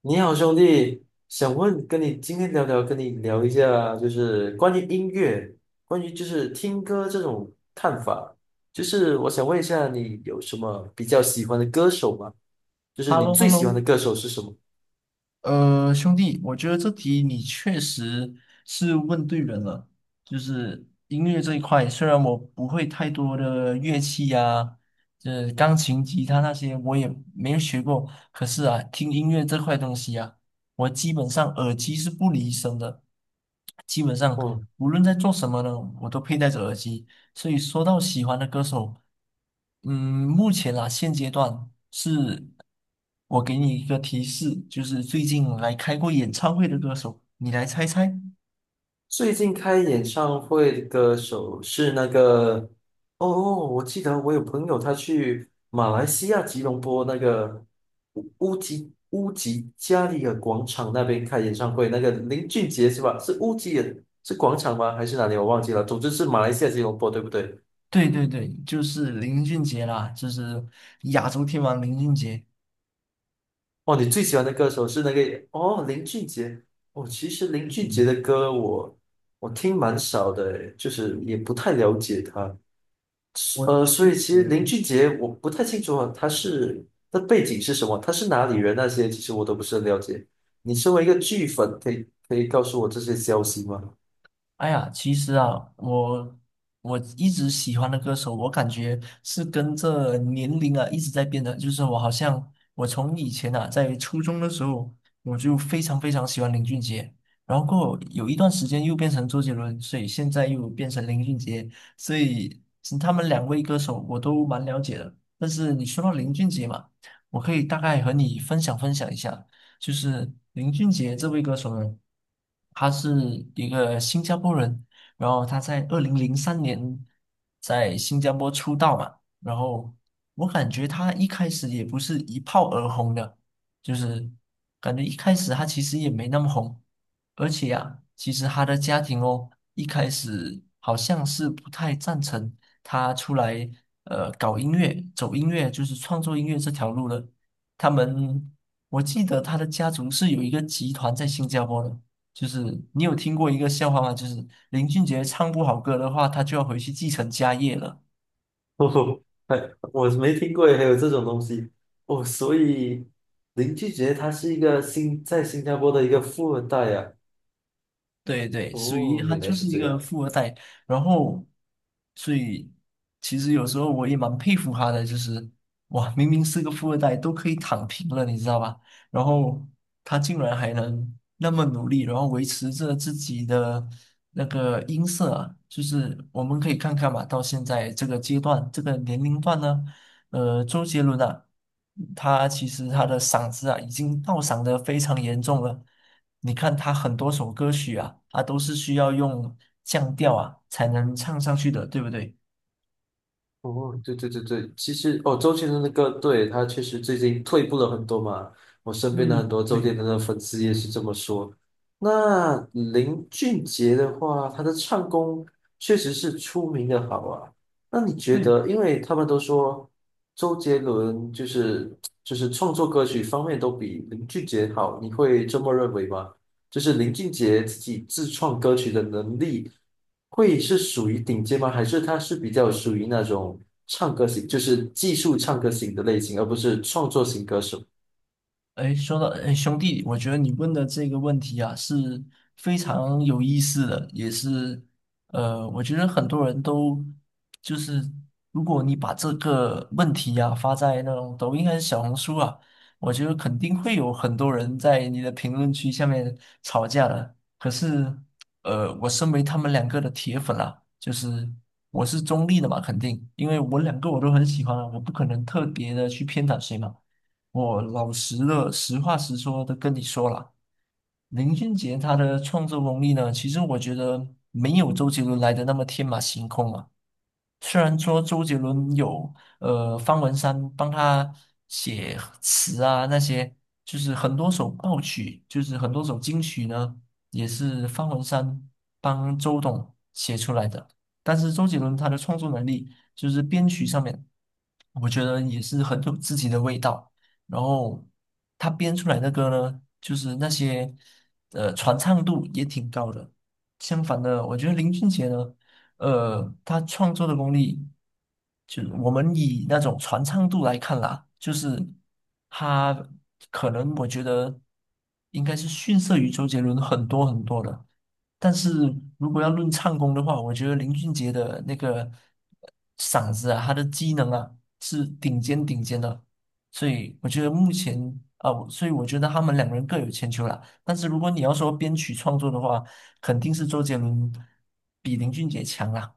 你好，兄弟，想问跟你今天聊聊，跟你聊一下，就是关于音乐，关于就是听歌这种看法，就是我想问一下，你有什么比较喜欢的歌手吗？就 h 是 e l l 你 o h e 最 l l o 喜欢的歌手是什么？兄弟，我觉得这题你确实是问对人了。就是音乐这一块，虽然我不会太多的乐器呀、这钢琴、吉他那些我也没有学过，可是啊，听音乐这块东西啊，我基本上耳机是不离身的，基本上哦。无论在做什么呢，我都佩戴着耳机。所以说到喜欢的歌手，嗯，目前啦，现阶段是我给你一个提示，就是最近来开过演唱会的歌手，你来猜猜。最近开演唱会的歌手是那个，哦哦，我记得我有朋友他去马来西亚吉隆坡那个乌吉加里尔广场那边开演唱会，那个林俊杰是吧？是乌吉尔是广场吗？还是哪里？我忘记了。总之是马来西亚吉隆坡，对不对？对对对，就是林俊杰啦，就是亚洲天王林俊杰。哦，你最喜欢的歌手是那个哦林俊杰。哦，其实林俊杰嗯，的歌我听蛮少的，就是也不太了解他。我觉所以其实林得。俊杰我不太清楚啊，他是他背景是什么，他是哪里人那些，其实我都不是很了解。你身为一个剧粉，可以告诉我这些消息吗？哎呀，其实啊，我一直喜欢的歌手，我感觉是跟这年龄啊一直在变的。就是我好像我从以前啊，在初中的时候，我就非常非常喜欢林俊杰，然后过后有一段时间又变成周杰伦，所以现在又变成林俊杰，所以其他们两位歌手我都蛮了解的。但是你说到林俊杰嘛，我可以大概和你分享分享一下。就是林俊杰这位歌手呢，他是一个新加坡人，然后他在2003年在新加坡出道嘛，然后我感觉他一开始也不是一炮而红的，就是感觉一开始他其实也没那么红，而且呀、其实他的家庭哦，一开始好像是不太赞成他出来搞音乐、走音乐，就是创作音乐这条路的。他们我记得他的家族是有一个集团在新加坡的，就是你有听过一个笑话吗？就是林俊杰唱不好歌的话，他就要回去继承家业了。哦，还我没听过，还有这种东西哦。所以林俊杰他是一个新在新加坡的一个富二代呀、啊。对对，属于哦，他原来就是是一这个样。富二代，然后，所以其实有时候我也蛮佩服他的，就是哇，明明是个富二代，都可以躺平了，你知道吧？然后他竟然还能那么努力，然后维持着自己的那个音色啊就是我们可以看看嘛，到现在这个阶段，这个年龄段呢。周杰伦啊，他其实他的嗓子啊已经倒嗓的非常严重了。你看他很多首歌曲啊，他都是需要用降调啊才能唱上去的，对不对？哦，对对对对，其实哦，周杰伦的歌，对，他确实最近退步了很多嘛。我身边的很嗯，多周杰对伦的粉丝也是这么说。那林俊杰的话，他的唱功确实是出名的好啊。那你觉对，得，因为他们都说周杰伦就是创作歌曲方面都比林俊杰好，你会这么认为吗？就是林俊杰自己自创歌曲的能力。会是属于顶尖吗？还是他是比较属于那种唱歌型，就是技术唱歌型的类型，而不是创作型歌手？哎，说到哎，兄弟，我觉得你问的这个问题啊是非常有意思的，也是我觉得很多人都就是，如果你把这个问题啊发在那种抖音还是小红书啊，我觉得肯定会有很多人在你的评论区下面吵架的。可是我身为他们两个的铁粉啊，就是我是中立的嘛，肯定，因为我两个我都很喜欢啊，我不可能特别的去偏袒谁嘛。我老实的，实话实说的跟你说了，林俊杰他的创作功力呢，其实我觉得没有周杰伦来的那么天马行空啊。虽然说周杰伦有方文山帮他写词啊那些，就是很多首爆曲，就是很多首金曲呢，也是方文山帮周董写出来的。但是周杰伦他的创作能力，就是编曲上面，我觉得也是很有自己的味道。然后他编出来的歌呢，就是那些传唱度也挺高的。相反的，我觉得林俊杰呢。他创作的功力，就是我们以那种传唱度来看啦，就是他可能我觉得应该是逊色于周杰伦很多很多的。但是如果要论唱功的话，我觉得林俊杰的那个嗓子啊，他的机能啊是顶尖顶尖的，所以我觉得目前啊，所以我觉得他们两个人各有千秋啦。但是如果你要说编曲创作的话，肯定是周杰伦比林俊杰强啦。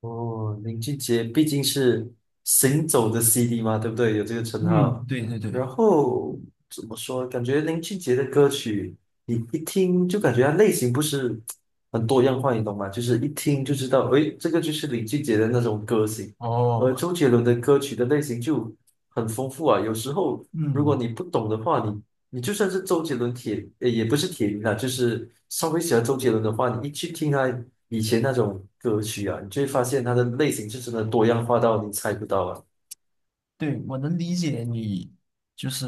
哦，林俊杰毕竟是行走的 CD 嘛，对不对？有这个称嗯，号。对对然对，后怎么说？感觉林俊杰的歌曲，你一听就感觉它类型不是很多样化，你懂吗？就是一听就知道，诶，这个就是林俊杰的那种歌型。而哦，周杰伦的歌曲的类型就很丰富啊，有时候如果嗯，你不懂的话，你就算是周杰伦铁，也不是铁一啦，就是稍微喜欢周杰伦的话，你一去听他。以前那种歌曲啊，你就会发现它的类型是真的多样化到你猜不到啊。对，我能理解你，就是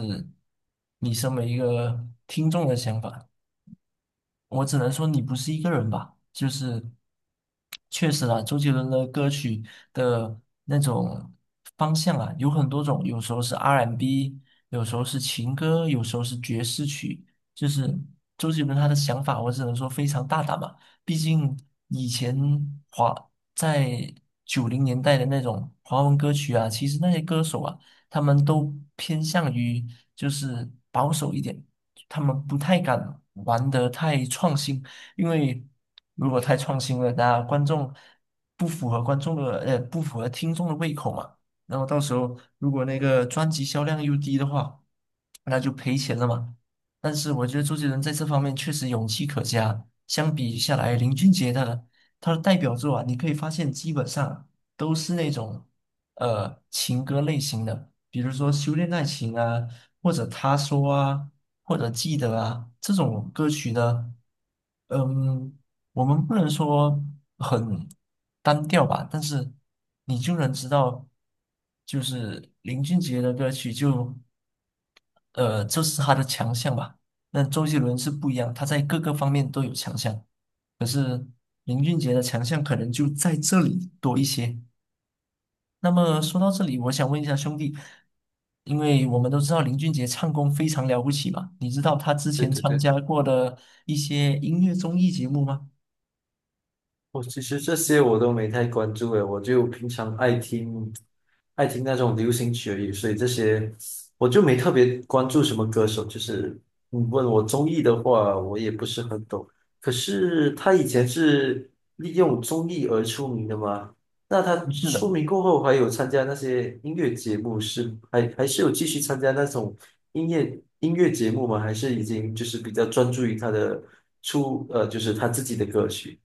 你身为一个听众的想法。我只能说你不是一个人吧，就是确实啦。周杰伦的歌曲的那种方向啊，有很多种，有时候是 R&B，有时候是情歌，有时候是爵士曲，就是周杰伦他的想法，我只能说非常大胆嘛，毕竟以前华在90年代的那种华文歌曲啊，其实那些歌手啊，他们都偏向于就是保守一点。他们不太敢玩得太创新，因为如果太创新了，那观众不符合观众的呃不符合听众的胃口嘛。然后到时候如果那个专辑销量又低的话，那就赔钱了嘛。但是我觉得周杰伦在这方面确实勇气可嘉。相比下来，林俊杰的代表作啊，你可以发现基本上都是那种情歌类型的。比如说《修炼爱情》啊，或者《他说》啊，或者《记得》啊，这种歌曲的，嗯，我们不能说很单调吧，但是你就能知道，就是林俊杰的歌曲就，这是他的强项吧。那周杰伦是不一样，他在各个方面都有强项，林俊杰的强项可能就在这里多一些。那么说到这里，我想问一下兄弟，因为我们都知道林俊杰唱功非常了不起嘛，你知道他之对前对参对。加过的一些音乐综艺节目吗？我其实这些我都没太关注诶，我就平常爱听那种流行曲而已，所以这些我就没特别关注什么歌手。就是你问我综艺的话，我也不是很懂。可是他以前是利用综艺而出名的吗？那他不是的，出名过后，还有参加那些音乐节目是，还还是有继续参加那种音乐节目吗？还是已经就是比较专注于他的就是他自己的歌曲？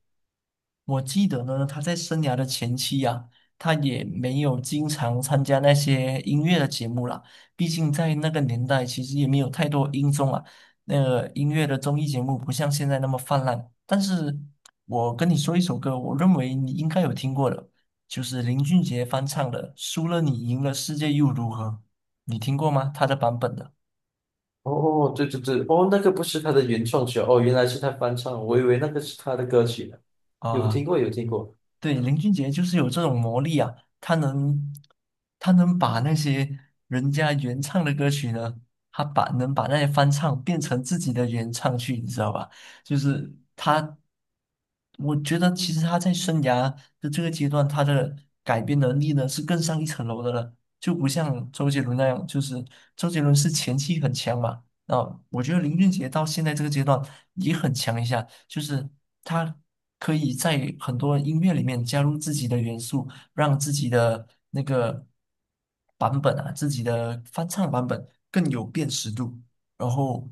我记得呢，他在生涯的前期啊，他也没有经常参加那些音乐的节目啦。毕竟在那个年代，其实也没有太多音综啊，那个音乐的综艺节目不像现在那么泛滥。但是我跟你说一首歌，我认为你应该有听过的，就是林俊杰翻唱的《输了你赢了世界又如何》，你听过吗？他的版本的哦，对对对，哦，那个不是他的原创曲啊哦，原来是他翻唱，我以为那个是他的歌曲呢。有听啊，过，有听过。对，林俊杰就是有这种魔力啊，他能，他能把那些人家原唱的歌曲呢，他能把那些翻唱变成自己的原唱去，你知道吧？就是他，我觉得其实他在生涯的这个阶段，他的改编能力呢是更上一层楼的了，就不像周杰伦那样，就是周杰伦是前期很强嘛。啊，我觉得林俊杰到现在这个阶段也很强一下，就是他可以在很多音乐里面加入自己的元素，让自己的那个版本啊，自己的翻唱版本更有辨识度。然后，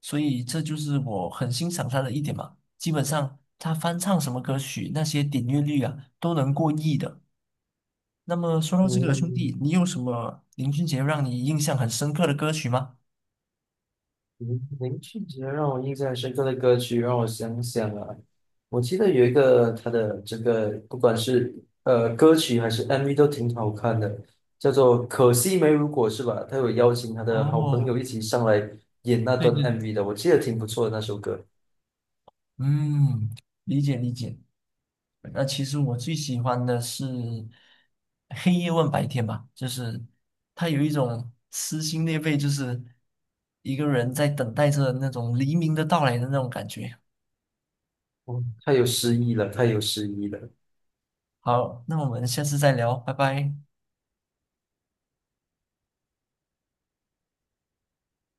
所以这就是我很欣赏他的一点嘛。基本上他翻唱什么歌曲，那些点阅率啊都能过亿的。那么说到这个兄嗯，弟，你有什么林俊杰让你印象很深刻的歌曲吗？林俊杰让我印象很深刻的歌曲，让我想想啊，我记得有一个他的这个，不管是歌曲还是 MV 都挺好看的，叫做《可惜没如果》是吧？他有邀请他的好朋友哦，一起上来演那对段 对对。MV 的，我记得挺不错的那首歌。嗯，理解理解。那其实我最喜欢的是黑夜问白天吧，就是它有一种撕心裂肺，就是一个人在等待着那种黎明的到来的那种感觉。哦，太有诗意了，太有诗意了。好，那我们下次再聊，拜拜。